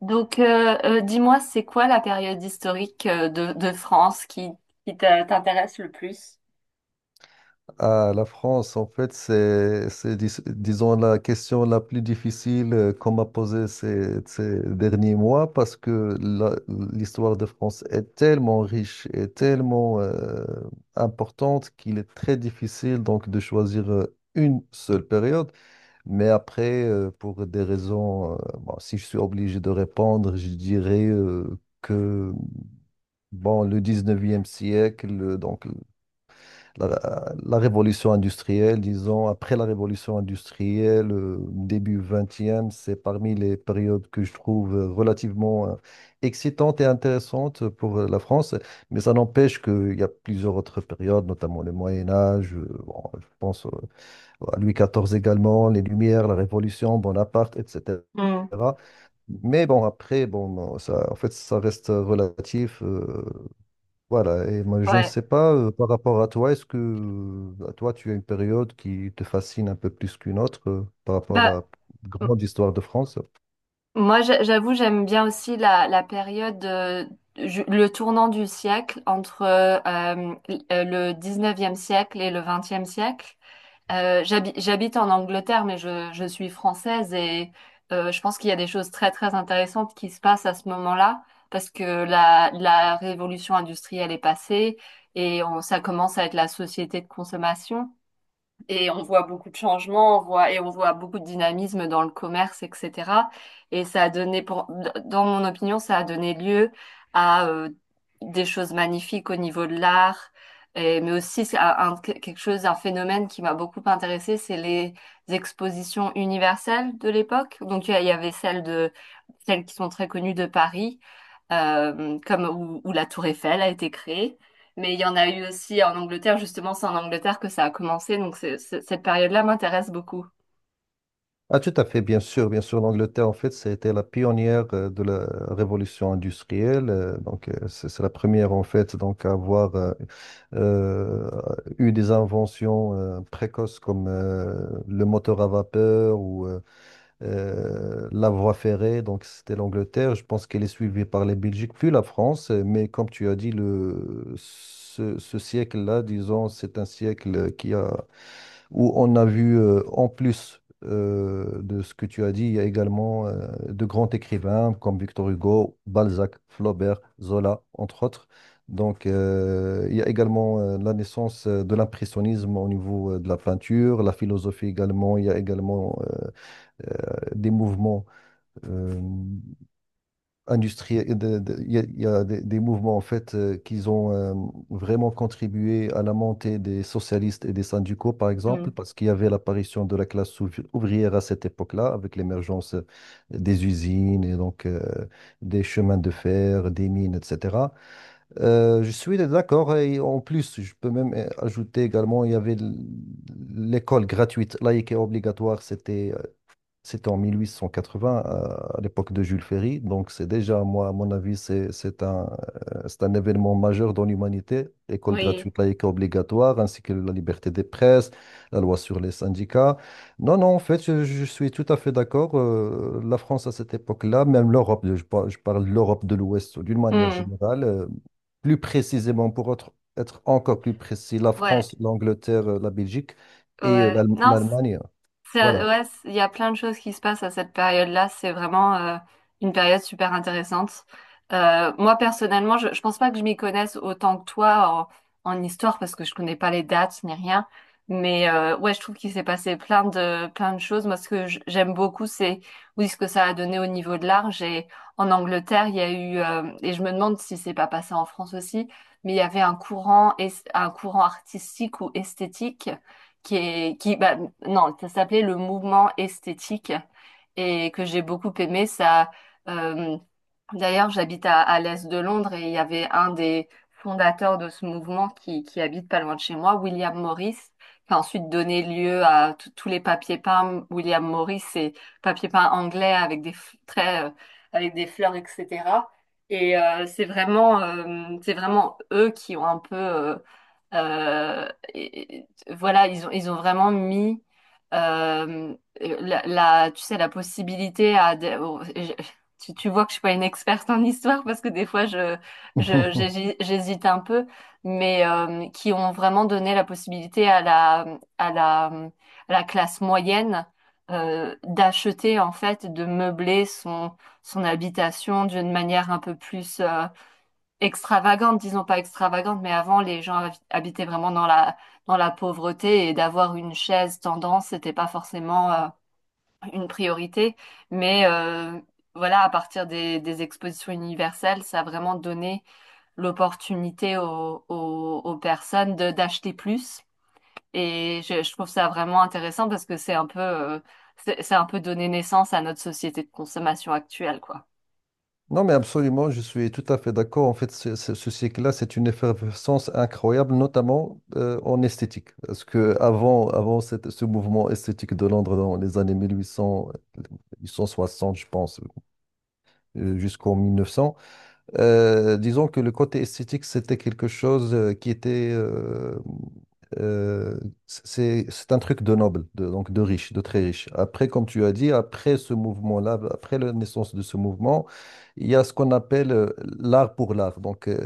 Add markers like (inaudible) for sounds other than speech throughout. Dis-moi, c'est quoi la période historique de France qui t'intéresse le plus? Ah, la France, en fait, disons, la question la plus difficile qu'on m'a posée ces derniers mois parce que l'histoire de France est tellement riche et tellement importante qu'il est très difficile donc de choisir une seule période. Mais après, pour des raisons, bon, si je suis obligé de répondre, je dirais que bon, le 19e siècle, donc la révolution industrielle, disons, après la révolution industrielle, début 20, c'est parmi les périodes que je trouve relativement excitantes et intéressantes pour la France. Mais ça n'empêche qu'il y a plusieurs autres périodes, notamment le Moyen Âge, bon, je pense à Louis XIV également, les Lumières, la Révolution, Bonaparte, etc. Hmm. Mais bon, après, bon, ça, en fait, ça reste relatif. Voilà, et moi, je ne Ouais. sais pas, par rapport à toi, est-ce que à toi, tu as une période qui te fascine un peu plus qu'une autre par rapport à Bah, la m- grande histoire de France? moi, j'avoue, j'aime bien aussi la période, le tournant du siècle entre le 19e siècle et le 20 siècle. J'habite en Angleterre, mais je suis française et je pense qu'il y a des choses très très intéressantes qui se passent à ce moment-là parce que la révolution industrielle est passée et ça commence à être la société de consommation. Et on voit beaucoup de changements, et on voit beaucoup de dynamisme dans le commerce, etc. Et ça a donné, dans mon opinion, ça a donné lieu à des choses magnifiques au niveau de l'art, mais aussi quelque chose, un phénomène qui m'a beaucoup intéressée, c'est les expositions universelles de l'époque. Il y avait celles qui sont très connues de Paris, comme où la Tour Eiffel a été créée. Mais il y en a eu aussi en Angleterre, justement, c'est en Angleterre que ça a commencé, donc cette période-là m'intéresse beaucoup. Ah, tout à fait, bien sûr, bien sûr. L'Angleterre, en fait, c'était la pionnière de la révolution industrielle. Donc, c'est la première, en fait, donc, à avoir euh, eu des inventions précoces comme le moteur à vapeur ou la voie ferrée, donc c'était l'Angleterre. Je pense qu'elle est suivie par les Belgiques, puis la France. Mais comme tu as dit, ce siècle-là, disons, c'est un siècle qui a, où on a vu, en plus de ce que tu as dit, il y a également de grands écrivains comme Victor Hugo, Balzac, Flaubert, Zola, entre autres. Donc, il y a également la naissance de l'impressionnisme au niveau de la peinture, la philosophie également. Il y a également des mouvements euh, industriels, il y a des mouvements en fait qui ont vraiment contribué à la montée des socialistes et des syndicaux, par exemple, Mm. parce qu'il y avait l'apparition de la classe ouvrière à cette époque-là, avec l'émergence des usines et donc des chemins de fer, des mines, etc. Je suis d'accord et en plus, je peux même ajouter également, il y avait l'école gratuite, laïque et obligatoire, c'était en 1880, à l'époque de Jules Ferry. Donc, c'est déjà, moi, à mon avis, c'est un événement majeur dans l'humanité. École Oui. gratuite, laïque et obligatoire, ainsi que la liberté des presses, la loi sur les syndicats. Non, non, en fait, je suis tout à fait d'accord. La France, à cette époque-là, même l'Europe, je parle de l'Europe de l'Ouest d'une manière Mm. générale, plus précisément, pour être encore plus précis, la Ouais, France, l'Angleterre, la Belgique et ouais. Non, l'Allemagne. ça, Voilà. ouais, il y a plein de choses qui se passent à cette période-là. C'est vraiment une période super intéressante. Moi, personnellement, je pense pas que je m'y connaisse autant que toi en, en histoire parce que je connais pas les dates ni rien. Mais ouais, je trouve qu'il s'est passé plein de choses. Moi, ce que j'aime beaucoup, c'est oui, ce que ça a donné au niveau de l'art. J'ai en Angleterre, il y a eu et je me demande si c'est pas passé en France aussi, mais il y avait un un courant artistique ou esthétique qui est, qui, bah, non, ça s'appelait le mouvement esthétique et que j'ai beaucoup aimé. Euh, D'ailleurs, j'habite à l'est de Londres et il y avait un des fondateurs de ce mouvement qui habite pas loin de chez moi, William Morris, qui a ensuite donné lieu à tous les papiers peints. William Morris, c'est papier peint anglais avec des avec des fleurs, etc. Et c'est vraiment eux qui ont un peu, euh, voilà, ils ont vraiment mis tu sais, la possibilité à des. Tu vois que je suis pas une experte en histoire parce que des fois (laughs) j'hésite un peu, mais qui ont vraiment donné la possibilité à à la, à la classe moyenne d'acheter en fait, de meubler son, son habitation d'une manière un peu plus extravagante, disons pas extravagante, mais avant les gens habitaient vraiment dans dans la pauvreté et d'avoir une chaise tendance, c'était pas forcément une priorité, mais voilà, à partir des expositions universelles, ça a vraiment donné l'opportunité aux personnes de d'acheter plus. Et je trouve ça vraiment intéressant parce que c'est un peu, c'est un peu donné naissance à notre société de consommation actuelle, quoi. Non, mais absolument, je suis tout à fait d'accord. En fait, ce cycle-là, c'est une effervescence incroyable, notamment en esthétique. Parce que avant ce mouvement esthétique de Londres dans les années mille huit cents, mille huit cent soixante, je pense, jusqu'en 1900, disons que le côté esthétique, c'était quelque chose qui était... euh, c'est un truc de noble, de, donc de riche, de très riche. Après, comme tu as dit, après ce mouvement-là, après la naissance de ce mouvement, il y a ce qu'on appelle l'art pour l'art. Donc,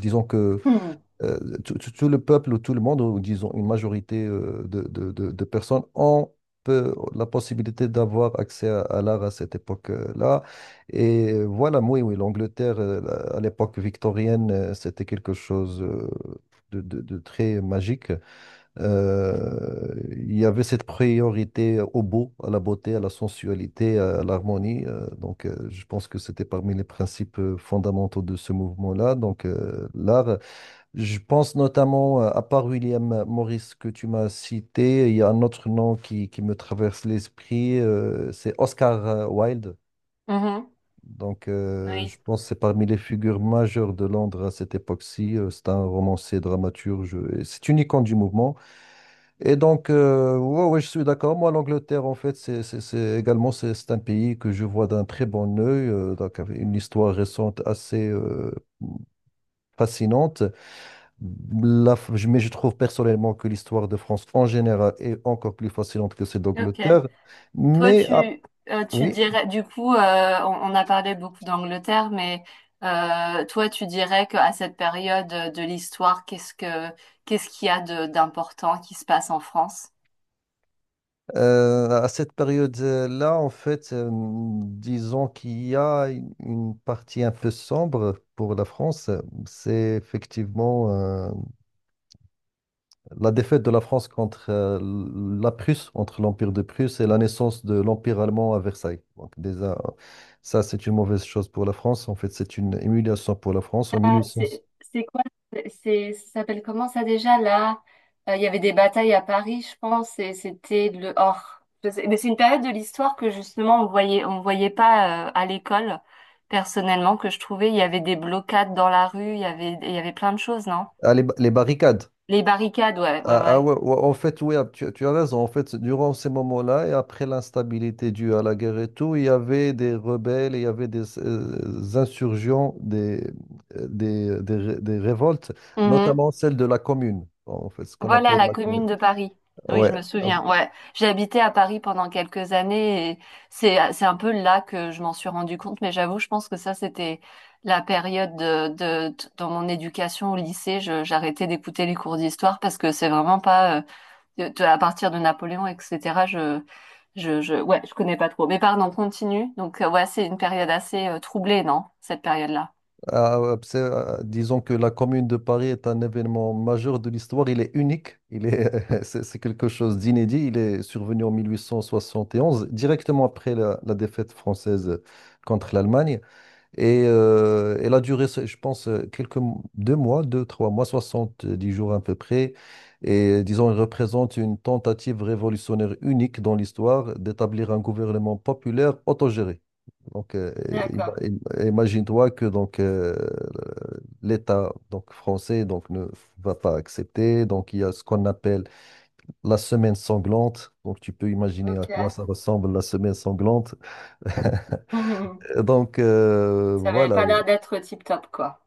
disons que Hmm. euh, tout le peuple ou tout le monde, ou disons une majorité de, de personnes, ont la possibilité d'avoir accès à l'art à cette époque-là. Et voilà, oui, oui, l'Angleterre, à l'époque victorienne, c'était quelque chose de, de très magique. Il y avait cette priorité au beau, à la beauté, à la sensualité, à l'harmonie. Donc, je pense que c'était parmi les principes fondamentaux de ce mouvement-là. Donc, l'art. Je pense notamment, à part William Morris que tu m'as cité, il y a un autre nom qui me traverse l'esprit, c'est Oscar Wilde. Mhm. Donc, Oui, je pense que c'est parmi les figures majeures de Londres à cette époque-ci. C'est un romancier, dramaturge, et c'est une icône du mouvement. Et donc, ouais, ouais, je suis d'accord. Moi, l'Angleterre, en fait, c'est également c'est un pays que je vois d'un très bon œil, donc avec une histoire récente assez fascinante. Mais je trouve personnellement que l'histoire de France en général est encore plus fascinante que celle ok. d'Angleterre. Toi, Mais à- tu, Tu oui, dirais, du coup, on a parlé beaucoup d'Angleterre, mais toi, tu dirais qu'à cette période de l'histoire, qu'est-ce qu'il y a d'important qui se passe en France? À cette période-là, en fait, disons qu'il y a une partie un peu sombre pour la France. C'est effectivement la défaite de la France contre la Prusse, entre l'Empire de Prusse et la naissance de l'Empire allemand à Versailles. Donc déjà, ça, c'est une mauvaise chose pour la France. En fait, c'est une humiliation pour la France. En Ah, 1800. C'est quoi? C'est, ça s'appelle comment ça déjà là? Il y avait des batailles à Paris, je pense, et c'était le or. Mais c'est une période de l'histoire que justement on voyait pas à l'école. Personnellement, que je trouvais, il y avait des blocades dans la rue, il y avait plein de choses, non? Ah, les barricades. Les barricades, ouais, ouais, Ah, ouais. ah ouais, ouais, en fait, oui, ah, tu as raison. En fait, durant ces moments-là et après l'instabilité due à la guerre et tout, il y avait des rebelles, il y avait des insurgents, des révoltes, Mhm. notamment celle de la commune. Bon, en fait, ce qu'on Voilà, appelle la la commune. Commune de Paris. Oui, je Ouais. me souviens. Ouais, j'ai habité à Paris pendant quelques années et c'est un peu là que je m'en suis rendu compte. Mais j'avoue, je pense que ça, c'était la période dans mon éducation au lycée. J'arrêtais d'écouter les cours d'histoire parce que c'est vraiment pas à partir de Napoléon, etc. Je Ouais, je connais pas trop. Mais pardon, continue. Donc ouais, c'est une période assez troublée, non? Cette période-là. Ah, ouais, disons que la Commune de Paris est un événement majeur de l'histoire. Il est unique. Il est, (laughs) c'est quelque chose d'inédit. Il est survenu en 1871, directement après la défaite française contre l'Allemagne. Et elle a duré, je pense, deux mois, trois mois, 70 jours à peu près. Et disons, elle représente une tentative révolutionnaire unique dans l'histoire d'établir un gouvernement populaire autogéré. Donc, D'accord, imagine-toi que donc l'État donc français donc ne va pas accepter. Donc, il y a ce qu'on appelle la semaine sanglante. Donc, tu peux imaginer à quoi ok. ça ressemble la semaine sanglante. (laughs) (laughs) Donc, Ça n'avait voilà. pas l'air d'être tip-top, quoi.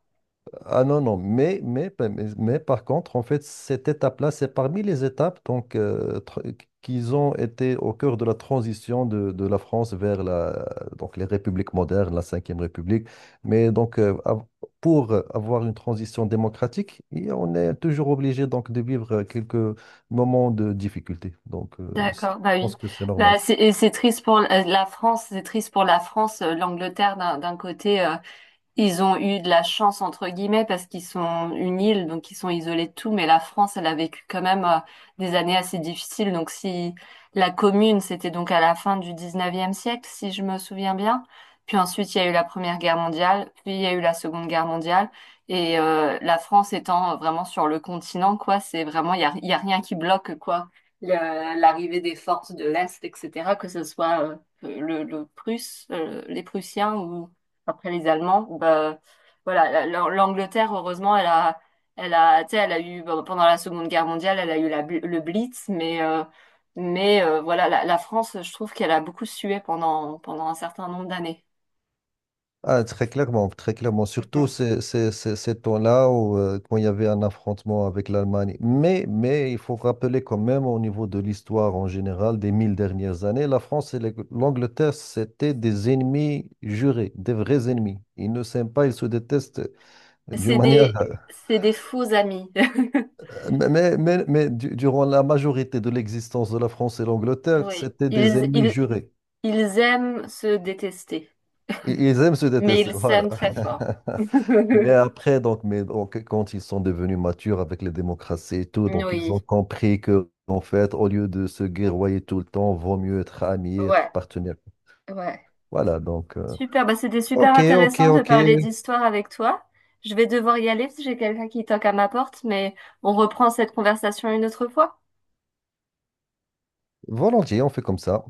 Ah non, non, mais par contre, en fait, cette étape-là, c'est parmi les étapes donc, qu'ils ont été au cœur de la transition de la France vers la, donc, les républiques modernes, la Cinquième République. Mais donc, pour avoir une transition démocratique, et on est toujours obligé donc, de vivre quelques moments de difficulté. Donc, je D'accord, bah oui. pense que c'est normal. Et c'est triste pour la la France, c'est triste pour la France, l'Angleterre d'un côté. Ils ont eu de la chance entre guillemets parce qu'ils sont une île, donc ils sont isolés de tout, mais la France, elle a vécu quand même des années assez difficiles. Donc si la commune, c'était donc à la fin du 19e siècle, si je me souviens bien, puis ensuite il y a eu la Première Guerre mondiale, puis il y a eu la Seconde Guerre mondiale, et la France étant vraiment sur le continent, quoi, c'est vraiment, il y a rien qui bloque, quoi, l'arrivée des forces de l'Est, etc., que ce soit le Prusse, les Prussiens après les Allemands, bah, voilà, l'Angleterre, heureusement, tu sais, elle a eu bah, pendant la Seconde Guerre mondiale, elle a eu le Blitz, mais, voilà, la France, je trouve qu'elle a beaucoup sué pendant pendant un certain nombre d'années. Ah, très clairement, très clairement. Surtout Mhm. Ces temps-là où, quand il y avait un affrontement avec l'Allemagne. Mais il faut rappeler quand même au niveau de l'histoire en général des mille dernières années, la France et l'Angleterre, c'était des ennemis jurés, des vrais ennemis. Ils ne s'aiment pas, ils se détestent d'une manière... (laughs) C'est des faux amis. (laughs) Mais durant la majorité de l'existence de la France et l'Angleterre, Oui, c'était des ennemis jurés. ils aiment se détester, Et ils aiment se mais détester, ils voilà. s'aiment très fort. (laughs) (laughs) Mais après, quand ils sont devenus matures avec les démocraties et tout, donc ils Oui, ont compris que, en fait, au lieu de se guerroyer tout le temps, vaut mieux être amis, être ouais, partenaires. ouais. Voilà, donc, Super, bah c'était super OK, intéressant de parler d'histoire avec toi. Je vais devoir y aller parce que j'ai quelqu'un qui toque à ma porte, mais on reprend cette conversation une autre fois. volontiers, on fait comme ça.